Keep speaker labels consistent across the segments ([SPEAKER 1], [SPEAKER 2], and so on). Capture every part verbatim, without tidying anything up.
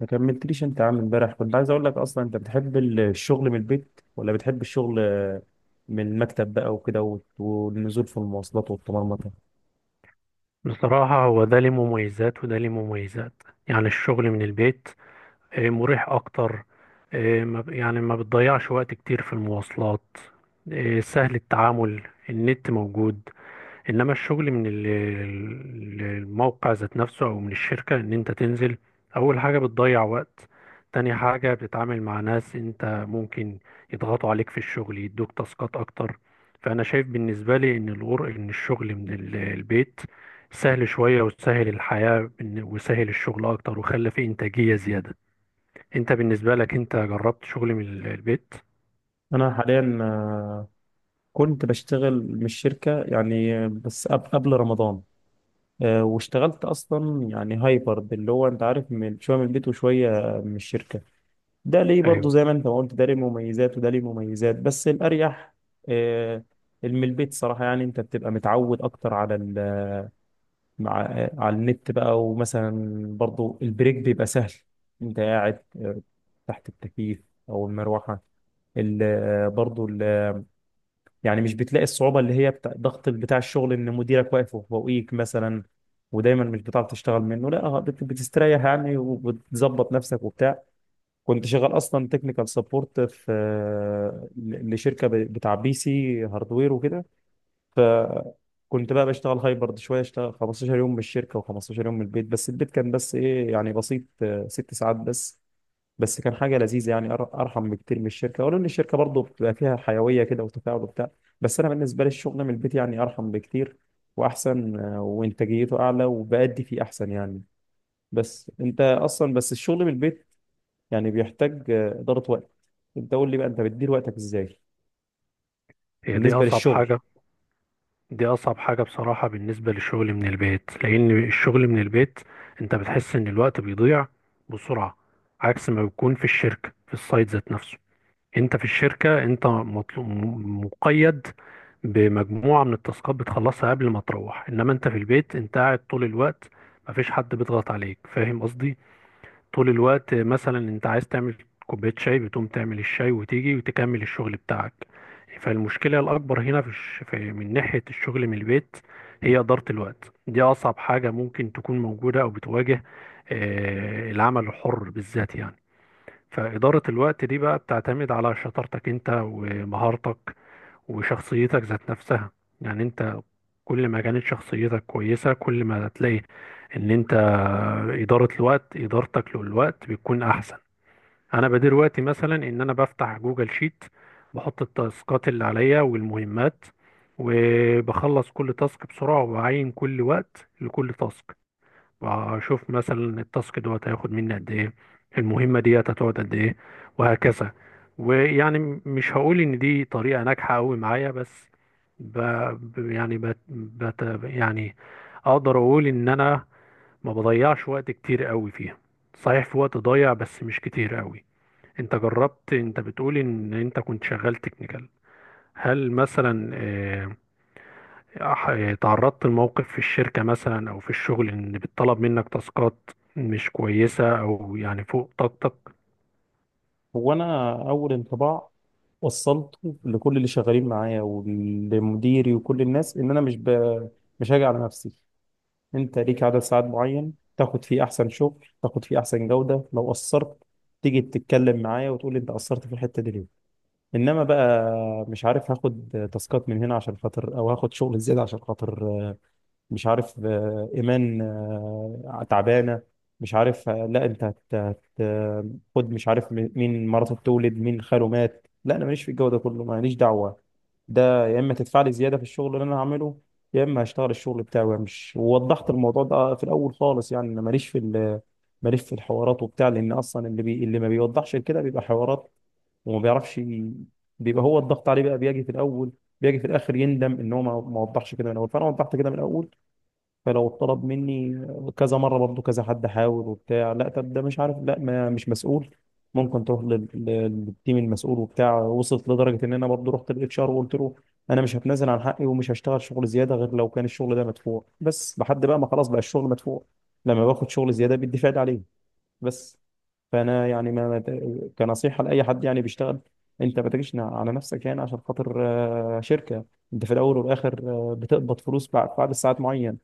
[SPEAKER 1] ما كملتليش انت يا عم. امبارح كنت عايز اقول لك، اصلا انت بتحب ال- الشغل من البيت، ولا بتحب الشغل، آه، من المكتب بقى وكده، وت- والنزول في المواصلات والطمرمطه.
[SPEAKER 2] بصراحة هو ده ليه مميزات وده ليه مميزات. يعني الشغل من البيت آه، مريح أكتر. آه، ما ب- يعني ما بتضيعش وقت كتير في المواصلات. آه، سهل التعامل، النت موجود. انما الشغل من ال- ال- الموقع ذات نفسه او من الشركة ان انت تنزل، اول حاجة بتضيع وقت، تاني حاجة بتتعامل مع ناس انت ممكن يضغطوا عليك في الشغل يدوك تاسكات اكتر. فانا شايف بالنسبة لي ان الغر ان الشغل من ال- البيت سهل شوية وسهل الحياة بن- وسهل الشغل اكتر وخلى فيه انتاجية زيادة. انت بالنسبة لك انت جربت شغل من ال- البيت؟
[SPEAKER 1] انا حاليا، آه، كنت بشتغل من الشركه يعني، آه، بس قب- قبل رمضان، آه، واشتغلت اصلا يعني هايبرد، اللي هو انت عارف، من شويه من البيت وشويه آه، من الشركه. ده ليه برضه
[SPEAKER 2] ايوه،
[SPEAKER 1] زي ما انت ما قلت، ده ليه مميزات وده ليه مميزات، بس الاريح، آه، اللي من البيت صراحه. يعني انت بتبقى متعود اكتر على ال مع على النت بقى. ومثلا برضو البريك بيبقى سهل، انت قاعد، آه، تحت التكييف او المروحه، ال- آه، برضو ال- آه، يعني مش بتلاقي الصعوبه اللي هي بتاع ضغط بتاع الشغل ان مديرك واقف فوقيك مثلا، ودايما مش بتعرف تشتغل منه. لا، بت- بتستريح يعني، وبتظبط نفسك وبتاع. كنت شغال اصلا تكنيكال سبورت في، آه، ل- لشركه ب- بتاع بي سي هاردوير وكده. فكنت بقى بشتغل هايبرد، شويه اشتغل خمسة عشر يوم من الشركه و15 يوم من البيت. بس البيت كان بس ايه، يعني بسيط، آه، ست ساعات بس. بس كان حاجه لذيذه يعني، أر- ارحم بكتير من الشركه، ولو ان الشركه برضه بتبقى فيها حيويه كده وتفاعل وبتاع. بس انا بالنسبه لي الشغل من البيت يعني ارحم بكتير واحسن، آه، وانتاجيته اعلى، وبأدي فيه احسن يعني. بس انت اصلا، بس الشغل من البيت يعني بيحتاج، آه، اداره وقت. انت قول لي بقى، انت بتدير وقتك ازاي
[SPEAKER 2] هي دي
[SPEAKER 1] بالنسبه
[SPEAKER 2] اصعب
[SPEAKER 1] للشغل؟
[SPEAKER 2] حاجة. دي أصعب حاجة بصراحة بالنسبة للشغل من البيت، لأن الشغل من البيت أنت بتحس إن الوقت بيضيع بسرعة، عكس ما بيكون في الشركة في السايت ذات نفسه. أنت في الشركة أنت مطلوب، مقيد بمجموعة من التاسكات بتخلصها قبل ما تروح، إنما أنت في البيت أنت قاعد طول الوقت، مفيش حد بيضغط عليك، فاهم قصدي؟ طول الوقت مثلا انت عايز تعمل كوباية شاي بتقوم تعمل الشاي وتيجي وتكمل الشغل بتاعك. فالمشكلة الأكبر هنا في الش... في من ناحية الشغل من البيت هي إدارة الوقت. دي أصعب حاجة ممكن تكون موجودة أو بتواجه آه، العمل الحر بالذات. يعني فإدارة الوقت دي بقى بتعتمد على شطارتك انت ومهارتك وشخصيتك ذات نفسها. يعني انت كل ما كانت شخصيتك كويسة كل ما هتلاقي ان انت إدارة الوقت إدارتك للوقت بتكون أحسن. أنا بدير وقتي مثلا إن أنا بفتح جوجل شيت، بحط التاسكات اللي عليا والمهمات، وبخلص كل تاسك بسرعة وبعين كل وقت لكل تاسك، واشوف مثلا التاسك دوت هياخد مني قد ايه، المهمه ديت هتقعد قد ايه، وهكذا. ويعني م- مش هقول ان دي طريقه ناجحه قوي معايا، بس ب... ب- يعني بت... بت... يعني اقدر اقول ان انا ما بضيعش وقت كتير قوي فيها. صحيح في وقت ضايع بس مش كتير قوي. انت جربت، انت بتقول ان انت كنت شغال تكنيكال، هل مثلا آه، ح- تعرضت لموقف في الشركة مثلا أو في الشغل إن بيطلب منك تاسكات مش كويسة أو يعني فوق طاقتك؟
[SPEAKER 1] هو انا اول انطباع وصلته لكل اللي شغالين معايا ولمديري وكل الناس، ان انا مش ب... مش هاجي على نفسي. انت ليك عدد ساعات معين تاخد فيه احسن شغل، تاخد فيه احسن جودة. لو قصرت، تيجي تتكلم معايا وتقول لي انت قصرت في الحتة دي ليه. انما بقى مش عارف هاخد تاسكات من هنا عشان خاطر، او هاخد شغل زيادة عشان خاطر مش عارف، آه، ايمان آه، تعبانه، مش عارف، آه، لا انت هت- هت- آه، خد مش عارف، م- مين مراته بتولد، مين خاله مات، لا انا ماليش في الجو ده كله، ماليش دعوه. ده يا اما تدفع لي زياده في الشغل اللي انا هعمله، يا اما هشتغل الشغل بتاعي وامشي. ووضحت الموضوع ده في الاول خالص، يعني انا ماليش في ال- ماليش في الحوارات وبتاع، لان اصلا اللي بي اللي ما بيوضحش كده بيبقى حوارات، وما بيعرفش ي- بيبقى هو الضغط عليه بقى، بيجي في الاول، بيجي في الاخر يندم ان هو ما ما وضحش كده من الاول. فانا وضحت كده من الاول، فلو طلب مني كذا مره برضو كذا حد حاول وبتاع، لا طب ده مش عارف، لا ما، مش مسؤول، ممكن تروح لل- لل- للتيم المسؤول وبتاع. وصلت لدرجه ان انا برضو رحت للاتش ار وقلت له، انا مش هتنازل عن حقي، ومش هشتغل شغل زياده غير لو كان الشغل ده مدفوع. بس لحد بقى ما خلاص بقى الشغل مدفوع، لما باخد شغل زياده بيدي فايد عليه، بس. فانا يعني، ما ما- كنصيحه لاي حد يعني بيشتغل، انت ما تجيش على نفسك يعني عشان خاطر، آه، شركه. انت في الاول والاخر، آه، بتقبض فلوس بعد بعد ساعات معينه،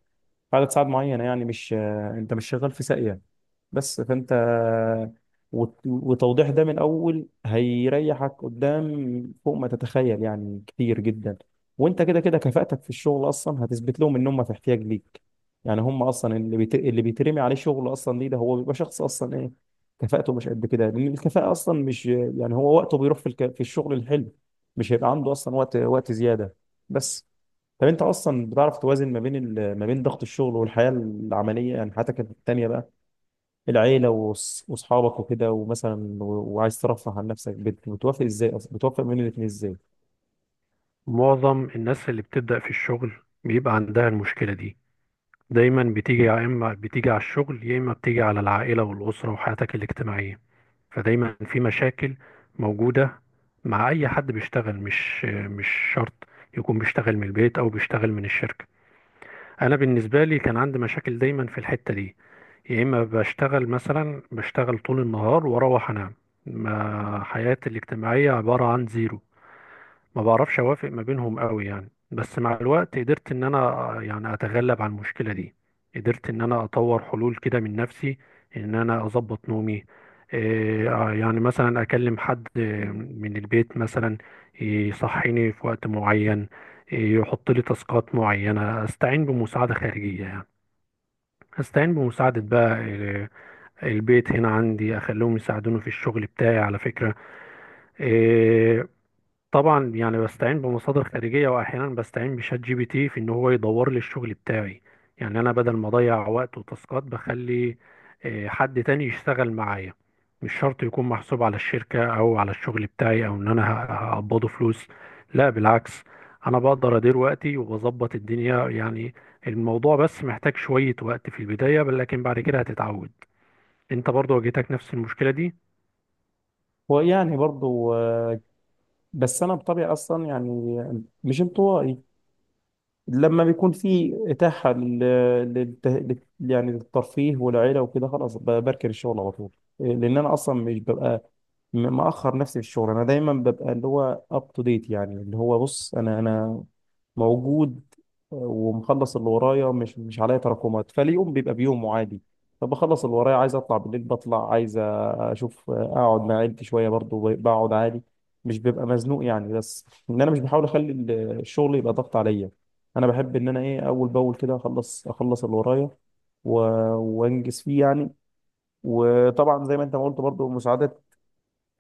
[SPEAKER 1] عدد ساعات معينة، يعني مش، انت مش شغال في ساقية. بس فانت، وت- وتوضيح ده من الاول هيريحك قدام فوق ما تتخيل يعني، كتير جدا. وانت كده كده كفاءتك في الشغل اصلا هتثبت لهم ان هم في احتياج ليك. يعني هم اصلا اللي بيت... اللي بيترمي عليه شغل اصلا ليه؟ ده هو بيبقى شخص اصلا ايه، كفاءته مش قد كده، لان الكفاءة اصلا مش، يعني هو وقته بيروح في الك... في الشغل الحلو، مش هيبقى عنده اصلا وقت وقت زيادة، بس. طب انت اصلا بتعرف توازن ما بين ال- ما بين ضغط الشغل والحياه العمليه، يعني حياتك التانيه بقى، العيله وص- واصحابك وكده ومثلا، و- وعايز ترفه عن نفسك، بت- بتوافق ازاي اصلا، بتوافق بين الاثنين ازاي؟
[SPEAKER 2] معظم الناس اللي بتبدأ في الشغل بيبقى عندها المشكلة دي، دايما بتيجي، يا إما بتيجي على الشغل يا إما بتيجي على العائلة والأسرة وحياتك الاجتماعية. فدايما في مشاكل موجودة مع أي حد بيشتغل، مش مش شرط يكون بيشتغل من البيت أو بيشتغل من الشركة. انا بالنسبه لي كان عندي مشاكل دايما في الحته دي، يا اما بشتغل مثلا بشتغل طول النهار واروح انام، ما حياتي الاجتماعيه عباره عن زيرو، ما بعرفش اوافق ما بينهم قوي يعني. بس مع الوقت قدرت ان انا يعني اتغلب على المشكلة دي، قدرت ان انا اطور حلول كده من نفسي، ان انا اظبط نومي، إيه، آه، يعني مثلا اكلم حد من البيت مثلا يصحيني في وقت معين، إيه، يحط لي تاسكات معينة. استعين بمساعدة خارجية يعني، استعين بمساعدة بقى إيه، البيت هنا عندي، اخليهم يساعدوني في الشغل بتاعي على فكرة. آه، طبعا يعني بستعين بمصادر خارجية، وأحيانا بستعين بشات جي بي تي في إن هو يدور لي الشغل بتاعي. يعني أنا بدل ما أضيع وقت وتاسكات، بخلي آه، حد تاني يشتغل معايا. مش شرط يكون محسوب على الشركة أو على الشغل بتاعي أو إن أنا ه- هقبضه فلوس، لا بالعكس. أنا بقدر أدير وقتي وبظبط الدنيا يعني. الموضوع بس محتاج شوية وقت في البداية بل- لكن بعد كده هتتعود. أنت برضو واجهتك نفس المشكلة دي؟
[SPEAKER 1] هو يعني برضو، آه، بس انا بطبيعي اصلا يعني مش انطوائي. لما بيكون في اتاحه لل... للت... لل... يعني للترفيه والعيله وكده، خلاص، ب- بركن الشغل على طول. لان انا اصلا مش ببقى، م- مأخر نفسي في الشغل. انا دايما ببقى اللي هو اب تو ديت، يعني اللي هو بص انا، انا موجود ومخلص اللي ورايا، مش مش عليا تراكمات، فاليوم بيبقى بيومه عادي. فبخلص اللي ورايا، عايز اطلع بالليل بطلع، عايز اشوف اقعد مع عيلتي شويه برضو بقعد عادي، مش ببقى مزنوق يعني. بس ان انا مش بحاول اخلي ال- الشغل يبقى ضغط عليا. انا بحب ان انا ايه، اول باول كده، اخلص اخلص اللي ورايا، و- وانجز فيه يعني. وطبعا زي ما انت ما قلت، برضو مساعدة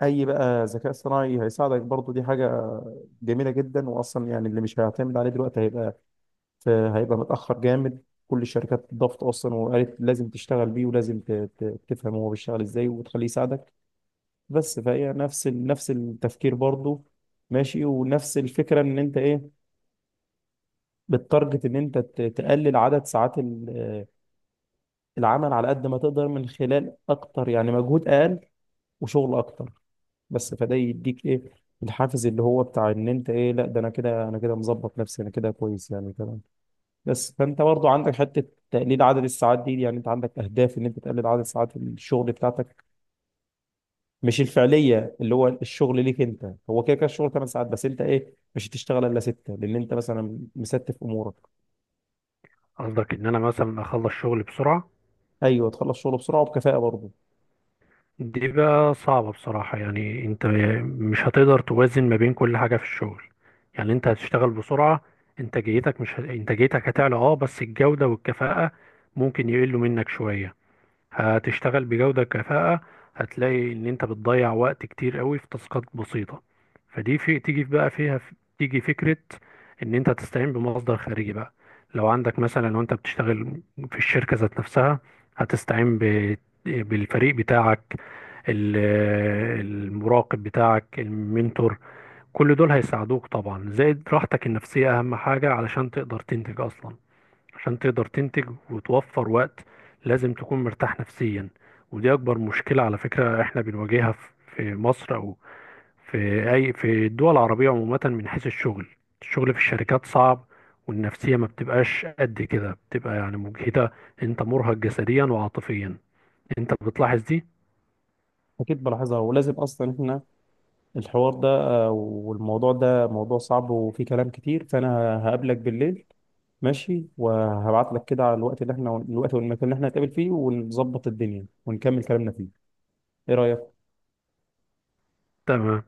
[SPEAKER 1] اي بقى ذكاء اصطناعي هيساعدك، برضو دي حاجة جميلة جدا. واصلا يعني اللي مش هيعتمد عليه دلوقتي هيبقى، فهيبقى متأخر جامد. كل الشركات ضغط أصلا، وقالت لازم تشتغل بيه، ولازم ت- ت- تفهم هو بيشتغل إزاي وتخليه يساعدك. بس فهي نفس ال- نفس التفكير برضه، ماشي، ونفس الفكرة إن أنت إيه، بتتارجت إن أنت ت- تقلل عدد ساعات ال- آه، العمل، على قد ما تقدر، من خلال أكتر يعني مجهود أقل وشغل أكتر. بس فده يديك إيه، الحافز اللي هو بتاع إن أنت إيه، لا ده أنا كده، أنا كده مظبط نفسي، أنا كده كويس يعني كده. بس فانت برضو عندك حته تقليل عدد الساعات دي، يعني انت عندك اهداف ان انت تقلل عدد ساعات الشغل بتاعتك مش الفعليه، اللي هو الشغل ليك انت هو كده كده الشغل ثماني ساعات، بس انت ايه مش هتشتغل الا ستة لان انت مثلا مستف امورك.
[SPEAKER 2] قصدك إن أنا مثلا أخلص شغل بسرعة؟
[SPEAKER 1] ايوه، تخلص شغل بسرعه وبكفاءه برضه.
[SPEAKER 2] دي بقى صعبة بصراحة، يعني انت مش هتقدر توازن ما بين كل حاجة في الشغل. يعني انت هتشتغل بسرعة، انتاجيتك مش ه... انتاجيتك هتعلى اه، بس الجودة والكفاءة ممكن يقلوا منك شوية. هتشتغل بجودة كفاءة، هتلاقي ان انت بتضيع وقت كتير قوي في تاسكات بسيطة. فدي في تيجي بقى فيها تيجي فكرة ان انت تستعين بمصدر خارجي بقى. لو عندك مثلا، لو انت بتشتغل في الشركة ذات نفسها، هتستعين ب... بالفريق بتاعك، ال- المراقب بتاعك، المنتور. كل دول هيساعدوك، طبعا زائد راحتك النفسية اهم حاجة علشان تقدر تنتج اصلا. عشان تقدر تنتج وتوفر وقت لازم تكون مرتاح نفسيا. ودي اكبر مشكلة على فكرة احنا بنواجهها في في مصر او في اي في الدول العربية عموما من حيث الشغل. الشغل في الشركات صعب، والنفسية ما بتبقاش قد كده، بتبقى يعني مجهدة. انت مرهق جسديا وعاطفيا، انت بتلاحظ دي؟
[SPEAKER 1] اكيد بلاحظها، ولازم اصلا احنا، الحوار ده، آه، والموضوع ده موضوع صعب وفيه كلام كتير، فانا هقابلك بالليل، ماشي، وهبعت لك كده على الوقت اللي احنا، الوقت والمكان اللي احنا هنتقابل فيه، ونظبط الدنيا ونكمل كلامنا فيه. ايه رايك؟
[SPEAKER 2] تمام.